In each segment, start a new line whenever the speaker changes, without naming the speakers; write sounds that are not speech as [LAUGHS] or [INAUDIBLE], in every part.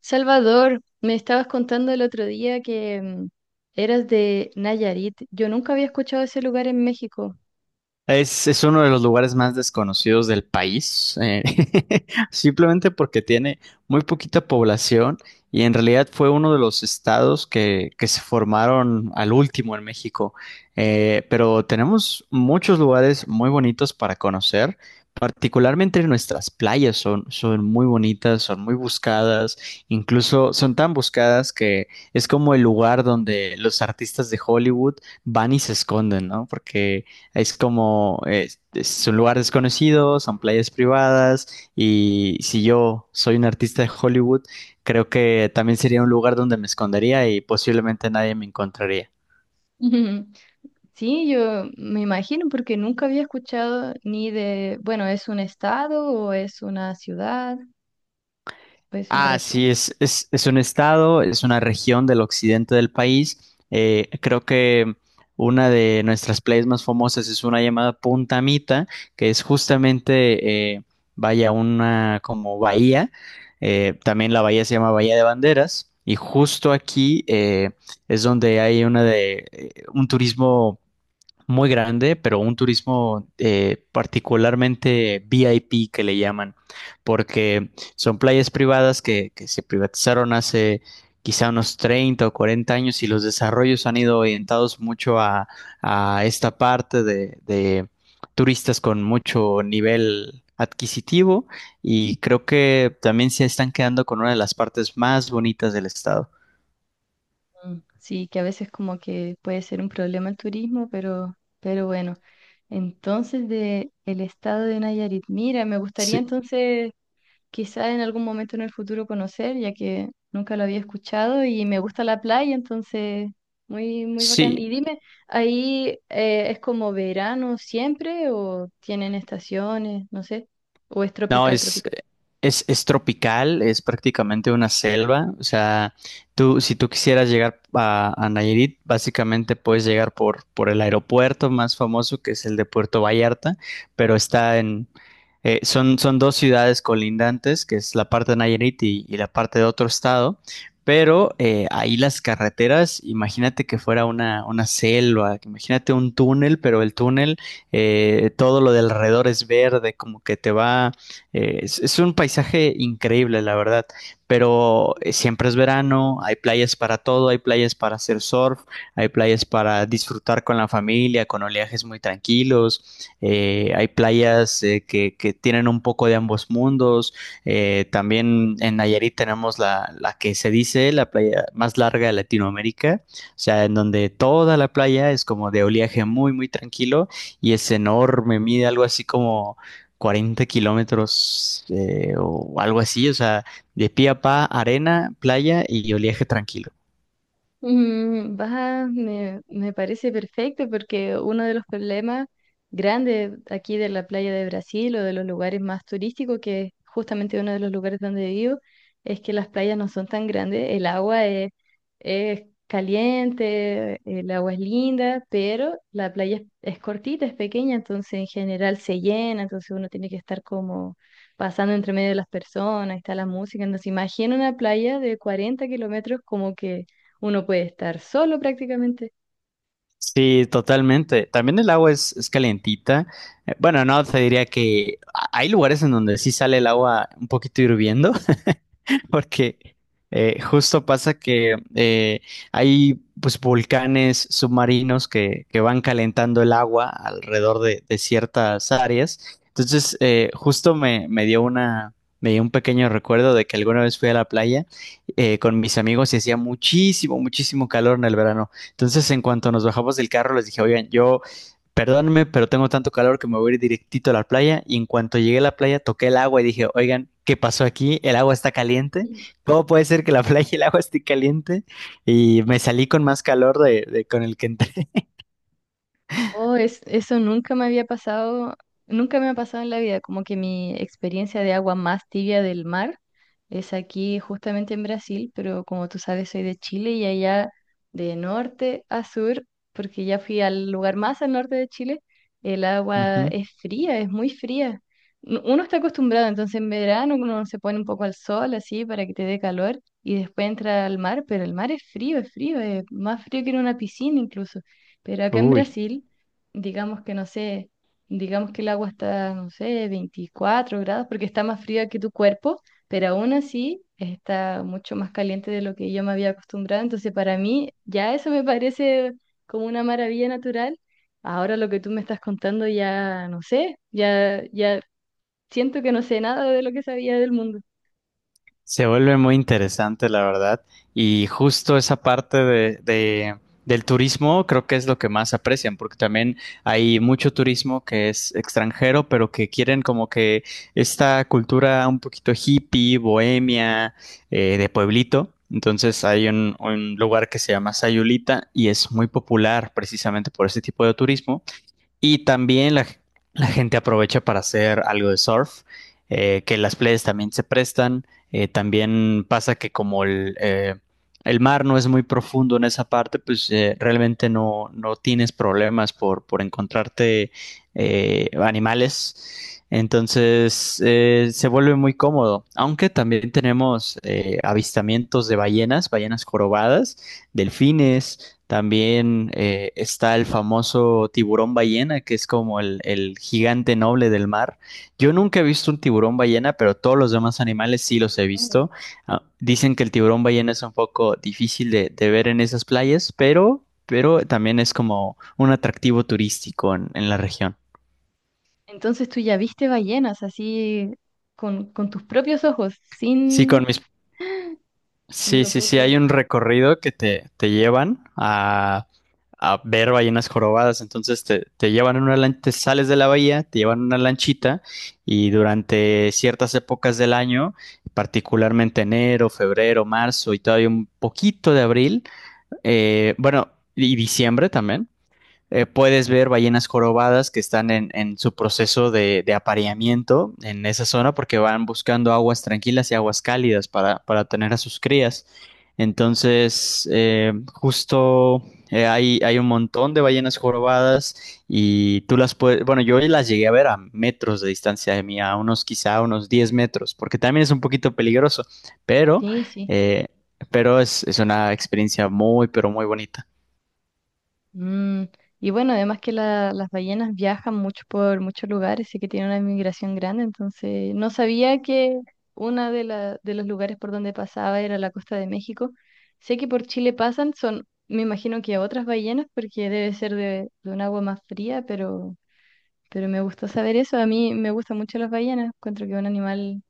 Salvador, me estabas contando el otro día que eras de Nayarit. Yo nunca había escuchado ese lugar en México.
Es uno de los lugares más desconocidos del país, [LAUGHS] simplemente porque tiene muy poquita población y en realidad fue uno de los estados que se formaron al último en México. Pero tenemos muchos lugares muy bonitos para conocer, particularmente nuestras playas son muy bonitas, son muy buscadas, incluso son tan buscadas que es como el lugar donde los artistas de Hollywood van y se esconden, ¿no? Porque es como, es un lugar desconocido, son playas privadas y si yo soy un artista de Hollywood, creo que también sería un lugar donde me escondería y posiblemente nadie me encontraría.
[LAUGHS] Ujú. Sí, yo me imagino porque nunca había escuchado ni de, bueno, ¿es un estado o es una ciudad o es una
Ah,
región?
sí, es un estado, es una región del occidente del país. Creo que una de nuestras playas más famosas es una llamada Punta Mita, que es justamente, vaya, una como bahía. También la bahía se llama Bahía de Banderas. Y justo aquí es donde hay una de un turismo muy grande, pero un turismo particularmente VIP que le llaman, porque son playas privadas que se privatizaron hace quizá unos 30 o 40 años y los desarrollos han ido orientados mucho a esta parte de turistas con mucho nivel adquisitivo y creo que también se están quedando con una de las partes más bonitas del estado.
Mm, sí, que a veces como que puede ser un problema el turismo, pero bueno. Entonces, de el estado de Nayarit. Mira, me gustaría
Sí,
entonces quizá en algún momento en el futuro conocer, ya que nunca lo había escuchado y me gusta la playa, entonces muy, muy bacán.
sí.
Y dime, ¿ahí es como verano siempre o tienen estaciones, no sé, o es
No,
tropical,
es,
tropical?
es, es tropical, es prácticamente una selva. O sea, tú, si tú quisieras llegar a Nayarit, básicamente puedes llegar por el aeropuerto más famoso, que es el de Puerto Vallarta, pero está en, son dos ciudades colindantes, que es la parte de Nayarit y la parte de otro estado, pero ahí las carreteras, imagínate que fuera una selva, que imagínate un túnel, pero el túnel, todo lo de alrededor es verde, como que te va es un paisaje increíble, la verdad, pero siempre es verano, hay playas para todo, hay playas para hacer surf, hay playas para disfrutar con la familia, con oleajes muy tranquilos, hay playas que tienen un poco de ambos mundos. También en Nayarit tenemos la, la que se dice la playa más larga de Latinoamérica, o sea, en donde toda la playa es como de oleaje muy, muy tranquilo y es enorme, mide algo así como 40 kilómetros o algo así, o sea, de pie a pa, arena, playa y oleaje tranquilo.
Mm, va, me parece perfecto porque uno de los problemas grandes aquí de la playa de Brasil o de los lugares más turísticos, que es justamente uno de los lugares donde vivo, es que las playas no son tan grandes, el agua es caliente, el agua es linda, pero la playa es cortita, es pequeña, entonces en general se llena, entonces uno tiene que estar como pasando entre medio de las personas, está la música, entonces imagina una playa de 40 kilómetros como que uno puede estar solo prácticamente.
Sí, totalmente. También el agua es calentita. Bueno, no, te diría que a- hay lugares en donde sí sale el agua un poquito hirviendo, [LAUGHS] [LAUGHS] porque justo pasa que hay pues volcanes submarinos que van calentando el agua alrededor de ciertas áreas. Entonces, justo me dio una, me dio un pequeño recuerdo de que alguna vez fui a la playa con mis amigos y hacía muchísimo, muchísimo calor en el verano. Entonces, en cuanto nos bajamos del carro, les dije, oigan, yo perdónenme, pero tengo tanto calor que me voy a ir directito a la playa y en cuanto llegué a la playa toqué el agua y dije, oigan, ¿qué pasó aquí? El agua está caliente. ¿Cómo puede ser que la [LAUGHS] playa y el agua esté caliente? Y me salí con más calor de- con el que entré.
Oh, eso nunca me había pasado, nunca me ha pasado en la vida, como que mi experiencia de agua más tibia del mar es aquí justamente en Brasil, pero como tú sabes soy de Chile y allá de norte a sur, porque ya fui al lugar más al norte de Chile, el agua
Ujú.
es fría, es muy fría. Uno está acostumbrado, entonces en verano uno se pone un poco al sol así para que te dé calor y después entra al mar, pero el mar es frío, es frío, es más frío que en una piscina incluso. Pero acá en
Uy.
Brasil digamos que no sé, digamos que el agua está, no sé, 24 grados, porque está más fría que tu cuerpo, pero aún así está mucho más caliente de lo que yo me había acostumbrado. Entonces, para mí, ya eso me parece como una maravilla natural. Ahora lo que tú me estás contando ya no sé, ya siento que no sé nada de lo que sabía del mundo.
Se vuelve muy interesante, la verdad. Y justo esa parte de- del turismo creo que es lo que más aprecian, porque también hay mucho turismo que es extranjero, pero que quieren como que esta cultura un poquito hippie, bohemia, de pueblito. Entonces hay un lugar que se llama Sayulita y es muy popular precisamente por ese tipo de turismo. Y también la gente aprovecha para hacer algo de surf, que las playas también se prestan. También pasa que como el mar no es muy profundo en esa parte, pues realmente no, no tienes problemas por encontrarte animales. Entonces se vuelve muy cómodo, aunque también tenemos avistamientos de ballenas, ballenas jorobadas, delfines, también está el famoso tiburón ballena, que es como el gigante noble del mar. Yo nunca he visto un tiburón ballena, pero todos los demás animales sí los he
Mm.
visto. Ah, dicen que el tiburón ballena es un poco difícil de ver en esas playas, pero también es como un atractivo turístico en la región.
Entonces tú ya viste ballenas así con tus propios ojos,
Sí, con
sin...
mis
No
sí,
lo
sí,
puedo
sí, hay
creer.
un recorrido que te llevan a ver ballenas jorobadas. Entonces te llevan en una lancha, te sales de la bahía, te llevan en una lanchita y durante ciertas épocas del año, particularmente enero, febrero, marzo y todavía un poquito de abril, bueno, y diciembre también, puedes ver ballenas jorobadas que están en su proceso de apareamiento en esa zona porque van buscando aguas tranquilas y aguas cálidas para tener a sus crías. Entonces, un montón de ballenas jorobadas y tú las puedes, bueno, yo las llegué a ver a metros de distancia de mí, a unos quizá unos 10 metros, porque también es un poquito peligroso, pero,
Sí, sí.
eh, pero es una experiencia muy, pero muy bonita.
Mm, y bueno, además que las ballenas viajan mucho por muchos lugares y que tienen una migración grande, entonces no sabía que uno de, de los lugares por donde pasaba era la costa de México. Sé que por Chile pasan, son, me imagino que otras ballenas, porque debe ser de un agua más fría, pero me gustó saber eso. A mí me gustan mucho las ballenas, encuentro que es un animal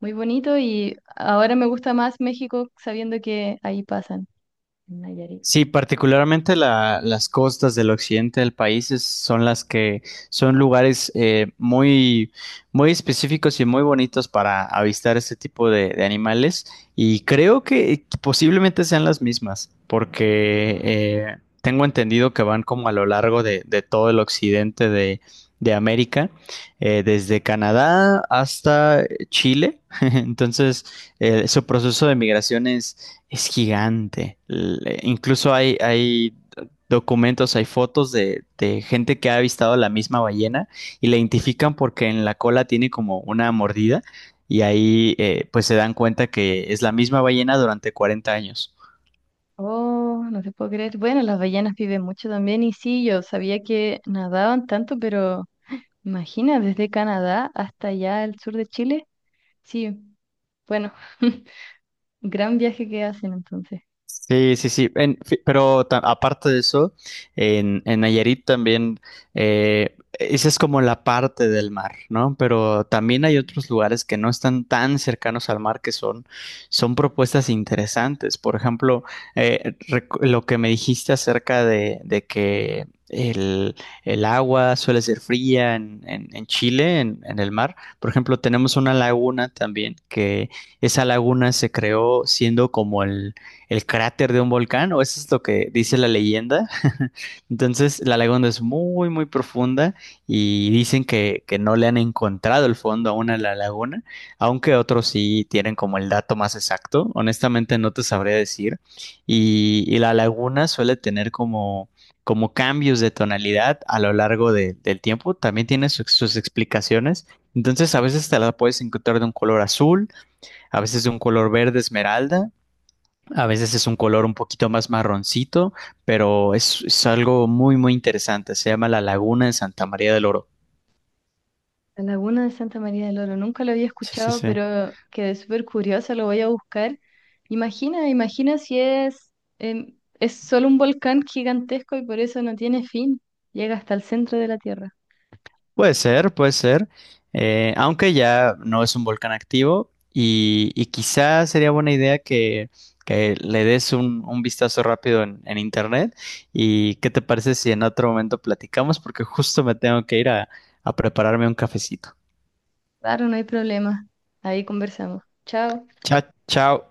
muy bonito y ahora me gusta más México sabiendo que ahí pasan, en Nayarit.
Sí, particularmente la- las costas del occidente del país es- son las que son lugares muy, muy específicos y muy bonitos para avistar este tipo de animales y creo que posiblemente sean las mismas porque tengo entendido que van como a lo largo de todo el occidente de América, desde Canadá hasta Chile. [LAUGHS] Entonces, su proceso de migración es gigante. Le- incluso hay, hay documentos, hay fotos de gente que ha avistado la misma ballena y la identifican porque en la cola tiene como una mordida y ahí pues se dan cuenta que es la misma ballena durante 40 años.
Oh, no te puedo creer. Bueno, las ballenas viven mucho también y sí, yo sabía que nadaban tanto, pero imagina, desde Canadá hasta allá al sur de Chile. Sí, bueno, [LAUGHS] gran viaje que hacen entonces.
Sí, sí, sí. En fi- pero ta- aparte de eso, en Nayarit también, esa es como la parte del mar, ¿no? Pero también hay
Ujú.
otros lugares que no están tan cercanos al mar que son, son propuestas interesantes. Por ejemplo, recu- lo que me dijiste acerca de que el agua suele ser fría en Chile, en el mar. Por ejemplo, tenemos una laguna también que esa laguna se creó siendo como el cráter de un volcán, o eso es lo que dice la leyenda. [LAUGHS] Entonces, la laguna es muy, muy profunda y dicen que no le han encontrado el fondo aún a la laguna, aunque otros sí tienen como el dato más exacto. Honestamente, no te sabría decir. Y la laguna suele tener como como cambios de tonalidad a lo largo de- del tiempo, también tiene su- sus explicaciones. Entonces, a veces te la puedes encontrar de un color azul, a veces de un color verde esmeralda, a veces es un color un poquito más marroncito, pero es algo muy, muy interesante. Se llama la Laguna de Santa María del Oro.
La laguna de Santa María del Oro, nunca lo había
Sí, sí,
escuchado,
sí.
pero quedé súper curiosa, lo voy a buscar. Imagina, imagina si es, es solo un volcán gigantesco y por eso no tiene fin. Llega hasta el centro de la Tierra.
Puede ser, puede ser. Aunque ya no es un volcán activo y quizá sería buena idea que le des un vistazo rápido en internet. ¿Y qué te parece si en otro momento platicamos? Porque justo me tengo que ir a prepararme un cafecito.
Claro, no hay problema. Ahí conversamos. Chao.
Chao, chao.